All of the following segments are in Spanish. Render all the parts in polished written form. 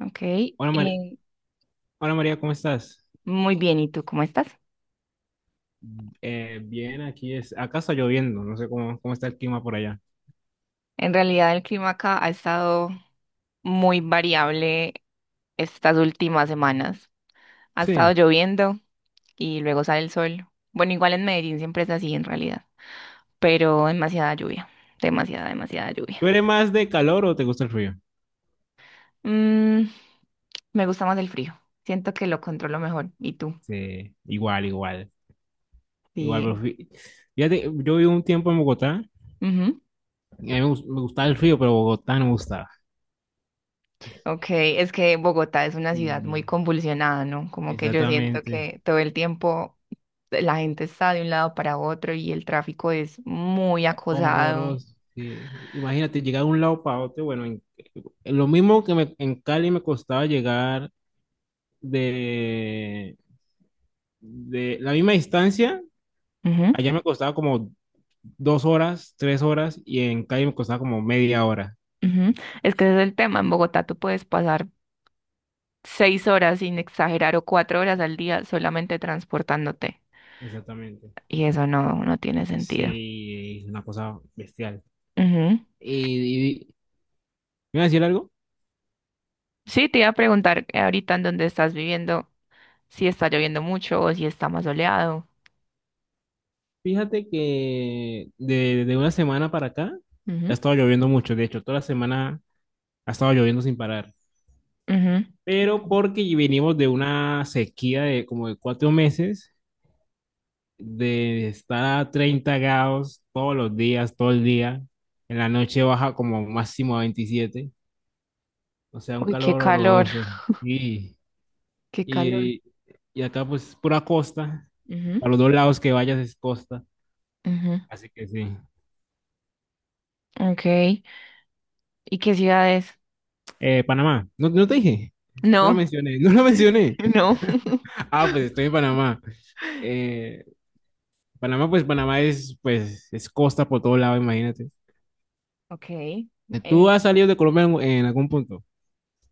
Ok, Hola, Hola María, ¿cómo estás? muy bien, ¿y tú cómo estás? Bien, aquí es, acá está lloviendo, no sé cómo, cómo está el clima por allá. En realidad el clima acá ha estado muy variable estas últimas semanas. Ha estado Sí. lloviendo y luego sale el sol. Bueno, igual en Medellín siempre es así en realidad, pero demasiada lluvia, demasiada, demasiada lluvia. ¿Tú eres más de calor o te gusta el frío? Mm, me gusta más el frío, siento que lo controlo mejor. ¿Y tú? Sí, igual, igual, igual. Sí. Pero fíjate, yo viví un tiempo en Bogotá, Ujú. y a mí me, me gustaba el frío, pero Bogotá no me gustaba. Ok, es que Bogotá es una ciudad muy Y- convulsionada, ¿no? Como que yo siento Exactamente, que todo el tiempo la gente está de un lado para otro y el tráfico es muy acosado. horroroso. Sí. Imagínate llegar de un lado para otro, bueno, en lo mismo que en Cali me costaba llegar de, de la misma distancia. Ujú, Allá me costaba como dos horas, tres horas, y en calle me costaba como media hora. ujú. Es que ese es el tema. En Bogotá tú puedes pasar 6 horas sin exagerar o 4 horas al día solamente transportándote. Exactamente. Y eso no, no tiene sentido. Sí, una cosa bestial. Ujú. Y, y- ¿Me iba a decir algo? Sí, te iba a preguntar ahorita en dónde estás viviendo, si está lloviendo mucho o si está más soleado. Fíjate que de una semana para acá ha Ujú, estado lloviendo mucho. De hecho, toda la semana ha estado lloviendo sin parar. ujú. Pero porque venimos de una sequía de como de cuatro meses, de estar a 30 grados todos los días, todo el día. En la noche baja como máximo a 27. O sea, un Uy, qué calor calor, horroroso. Y, qué calor. y, y acá pues pura costa, Ujú, a los dos lados que vayas es costa, ujú. así que sí. Ok. ¿Y qué ciudades? Panamá, no, no te dije, no lo No, mencioné, no lo mencioné. no. Ah, pues estoy en Panamá. Eh, Panamá, pues Panamá es, pues, es costa por todo lado, imagínate. Ok, ¿Tú en- has salido de Colombia en algún punto?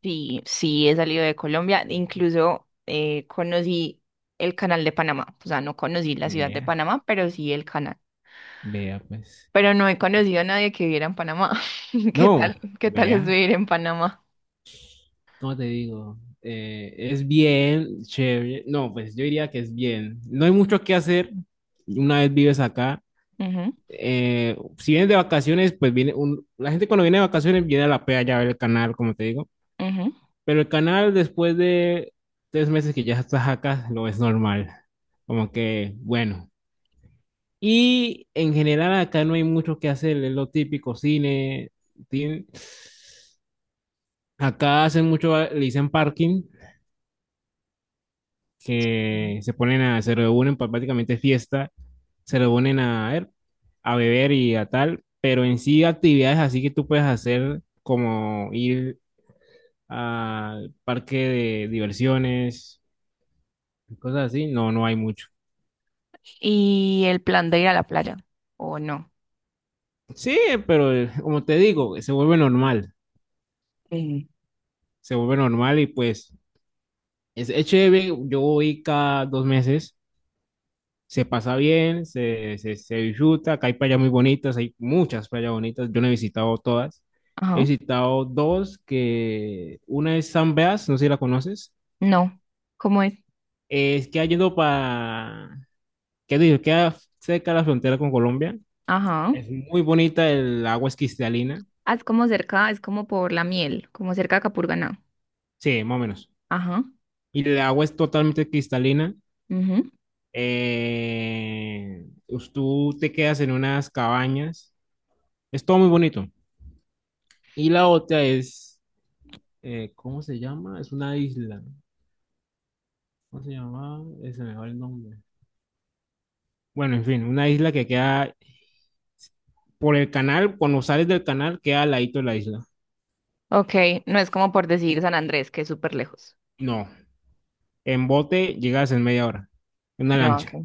sí, sí, he salido de Colombia, incluso conocí el canal de Panamá, o sea, no conocí la ciudad de Vea, Panamá, pero sí el canal. vea, pues. Pero no he conocido a nadie que viviera en Panamá. No, qué tal es vea. vivir en Panamá? ¿Cómo te digo? Es bien, chévere. No, pues yo diría que es bien. No hay mucho que hacer una vez vives acá. Si vienes de vacaciones, pues viene un... La gente cuando viene de vacaciones viene a la playa a ver el canal, como te digo. Ujú, ujú. Pero el canal después de tres meses que ya estás acá, lo es normal. Como que, bueno. Y en general acá no hay mucho que hacer, es lo típico, cine, tin- acá hacen mucho, le dicen parking, Mm. que se ponen a, se reúnen para prácticamente es fiesta, se reúnen a, ver, a beber y a tal, pero en sí actividades así que tú puedes hacer como ir al parque de diversiones, cosas así, no, no hay mucho. ¿Y el plan de ir a la playa? ¿O no? Sí, pero como te digo, Eh, se vuelve normal y pues es chévere, yo voy cada dos meses, se pasa bien, se disfruta. Acá hay playas muy bonitas, hay muchas playas bonitas. Yo no he visitado todas. He Ajá, visitado dos, que una es San Blas, no sé si la conoces. no. ¿Cómo es? Es que yendo para, ¿qué digo? Queda cerca de la frontera con Colombia. Ajá. Es muy bonita, el agua es cristalina. Ah, es como cerca, es como por la miel, como cerca de Capurganá. Sí, más o menos. Ajá. Y el agua es totalmente cristalina. Pues tú te quedas en unas cabañas. Es todo muy bonito. Y la otra es ¿cómo se llama? Es una isla. ¿Cómo se llama? Se me va el nombre. Bueno, en fin, una isla que queda por el canal, cuando sales del canal, queda al ladito de la isla. Ok, no es como por decir San Andrés, que es súper lejos. No, en bote llegas en media hora, en una No, ok. lancha.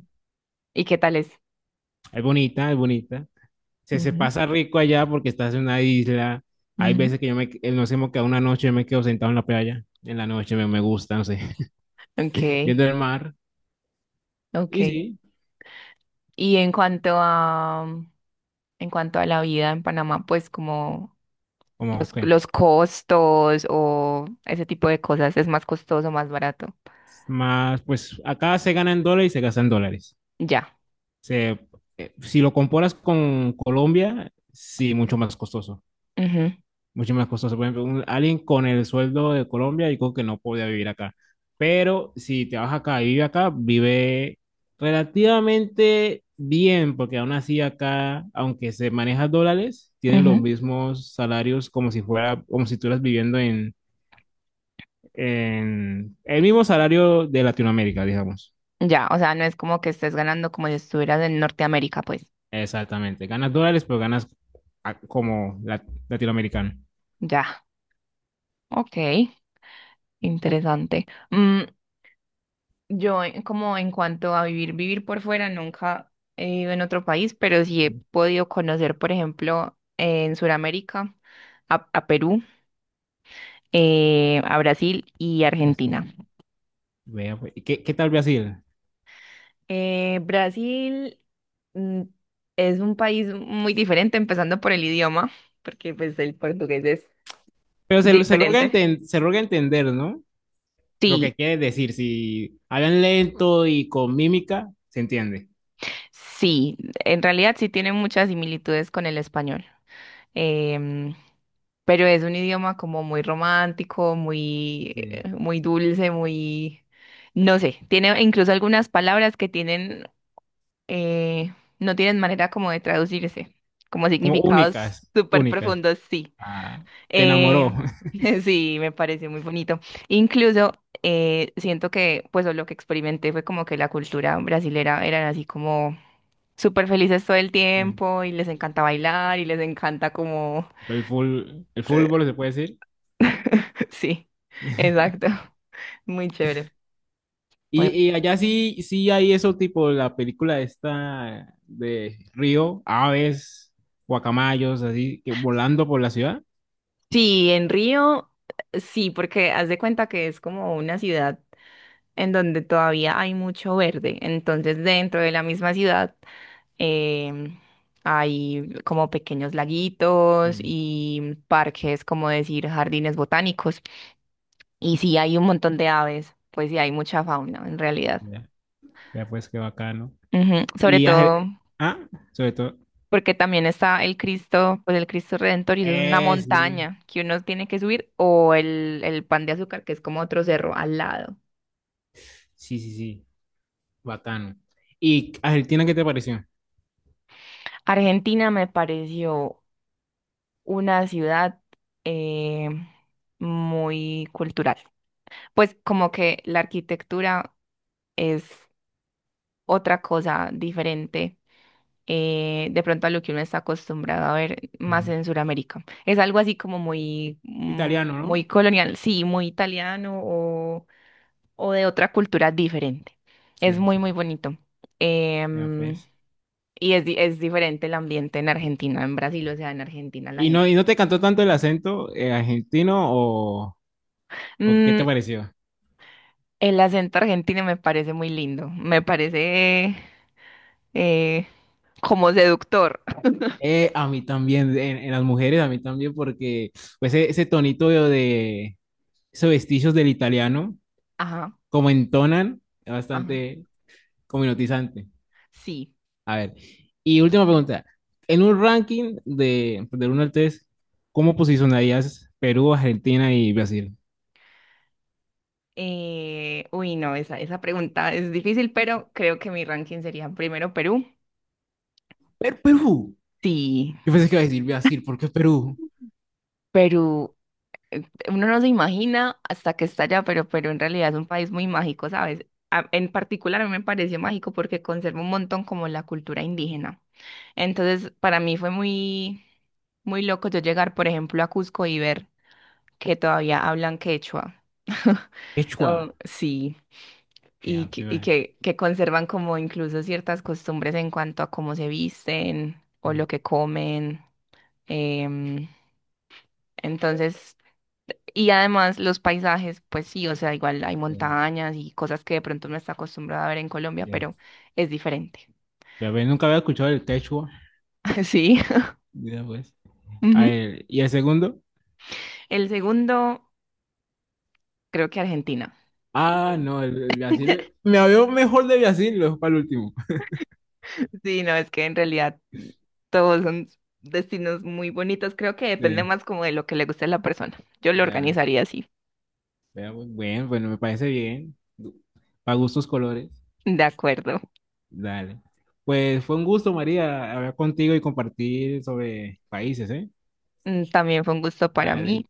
¿Y qué tal es? Es bonita, es bonita. Se Ujú, pasa rico allá porque estás en una isla. Hay ujú. veces que yo me, nos hemos quedado una noche, yo me quedo sentado en la playa. En la noche me, me gusta, no sé, Ok, viendo el mar. ok. Y sí, Y en cuanto a la vida en Panamá, pues como como que los costos o ese tipo de cosas, ¿es más costoso, más barato? más, pues acá se gana en dólares y se gasta en dólares. Ya. Se, si lo comparas con Colombia, sí, mucho más costoso. Ujú, Mucho más costoso. Por ejemplo, alguien con el sueldo de Colombia, digo que no podía vivir acá. Pero si te vas acá y vive acá, vive relativamente bien, porque aún así acá, aunque se maneja dólares, tienen ujú. los Mm. mismos salarios como si fuera, como si estuvieras viviendo en el mismo salario de Latinoamérica, digamos. Ya, o sea, no es como que estés ganando como si estuvieras en Norteamérica, pues. Exactamente. Ganas dólares, pero ganas ah, como latinoamericano. Ya. Okay. Interesante. Mm, yo, como en cuanto a vivir, vivir por fuera, nunca he vivido en otro país, pero sí he podido conocer, por ejemplo, en Sudamérica, a Perú, a Brasil y Argentina. Así. Vea, pues. ¿Y ¿qué, qué tal Brasil? Brasil mm, es un país muy diferente, empezando por el idioma, porque pues el portugués es Pero se, se logra diferente. Se logra entender, ¿no? Lo que Sí, quiere decir, si hablan lento y con mímica, se entiende. sí, en realidad sí tiene muchas similitudes con el español. em, pero es un idioma como muy romántico, muy, Sí. muy dulce, muy, no sé, tiene incluso algunas palabras que tienen, eh, no tienen manera como de traducirse, como Como significados únicas, súper únicas. profundos, sí. Ah, te enamoró. Eh, sí, me parece muy bonito. Incluso siento que, pues, o lo que experimenté fue como que la cultura brasilera eran así como súper felices todo el tiempo y les encanta bailar y les encanta como El, el fútbol, se puede decir. sí, exacto. Muy chévere. Bueno, Y allá sí, sí hay eso, tipo la película esta de Río, aves, guacamayos, así, que volando por la ciudad. sí, en Río, sí, porque haz de cuenta que es como una ciudad en donde todavía hay mucho verde. Entonces, dentro de la misma ciudad em, hay como pequeños laguitos Sí. y parques, como decir, jardines botánicos. Y sí, hay un montón de aves, pues sí, hay mucha fauna en realidad. Ya, ya pues qué bacano. Ujú, sobre Y has- todo ah, sobre todo. porque también está el Cristo, pues el Cristo Redentor, y eso es una Sí. montaña que uno tiene que subir, o el Pan de Azúcar, que es como otro cerro al lado. Sí, sí, sí. Bacano. ¿Y Argentina qué te pareció? Argentina me pareció una ciudad eh, muy cultural. Pues como que la arquitectura es otra cosa diferente. De pronto a lo que uno está acostumbrado a ver más Ujú. en Sudamérica. Es algo así como muy, Italiano, ¿no? muy colonial, sí, muy italiano o de otra cultura diferente. Es Sí, muy, muy sí. bonito. Ya Em, pues. y es, es diferente el ambiente en Argentina, en Brasil, o sea, en Argentina la Y gente. no te cantó tanto el acento argentino o qué Mm, te pareció? el acento argentino me parece muy lindo, me parece eh, como seductor. A mí también, en las mujeres a mí también, porque pues, ese tonito de esos vestigios del italiano, Ajá, como entonan, es ajá, bastante como hipnotizante. sí. A ver, y última pregunta. En un ranking de, del 1 al 3, ¿cómo posicionarías Perú, Argentina y Brasil? Uy, no, esa pregunta es difícil, pero creo que mi ranking sería primero Perú. Perú. Sí, Yo pensé que iba a decir Brasil, ¿por qué Perú? Perú. eh, Uno no se imagina hasta que está allá, pero en realidad es un país muy mágico, ¿sabes? En particular a mí me pareció mágico porque conserva un montón como la cultura indígena. Entonces, para mí fue muy, muy loco yo llegar, por ejemplo, a Cusco y ver que todavía hablan quechua. Quechua. Oh, sí, Ya, primera y vez. Que conservan como incluso ciertas costumbres en cuanto a cómo se visten o lo que comen. em, entonces, Y además los paisajes, pues sí, o sea, igual hay Ya, montañas y cosas que de pronto no está acostumbrada a ver en Colombia, ya. pero es diferente. Ya ves, nunca había escuchado el quechua. Sí. Ya, pues. A Ujú. ver, ¿y el segundo? El segundo, creo que Argentina. Ah, Y- no, el Brasil. Me había mejor de Brasil, lo dejo para el último. sí, no, es que en realidad todos son destinos muy bonitos. Creo que depende Sí, más como de lo que le guste a la persona. Yo lo ya. organizaría así. Vea, pues, bueno, bueno, me parece bien. Para gustos colores. De acuerdo. Dale. Pues fue un gusto, María, hablar contigo y compartir sobre países, ¿eh? Mm, también fue un gusto para Dale. mí.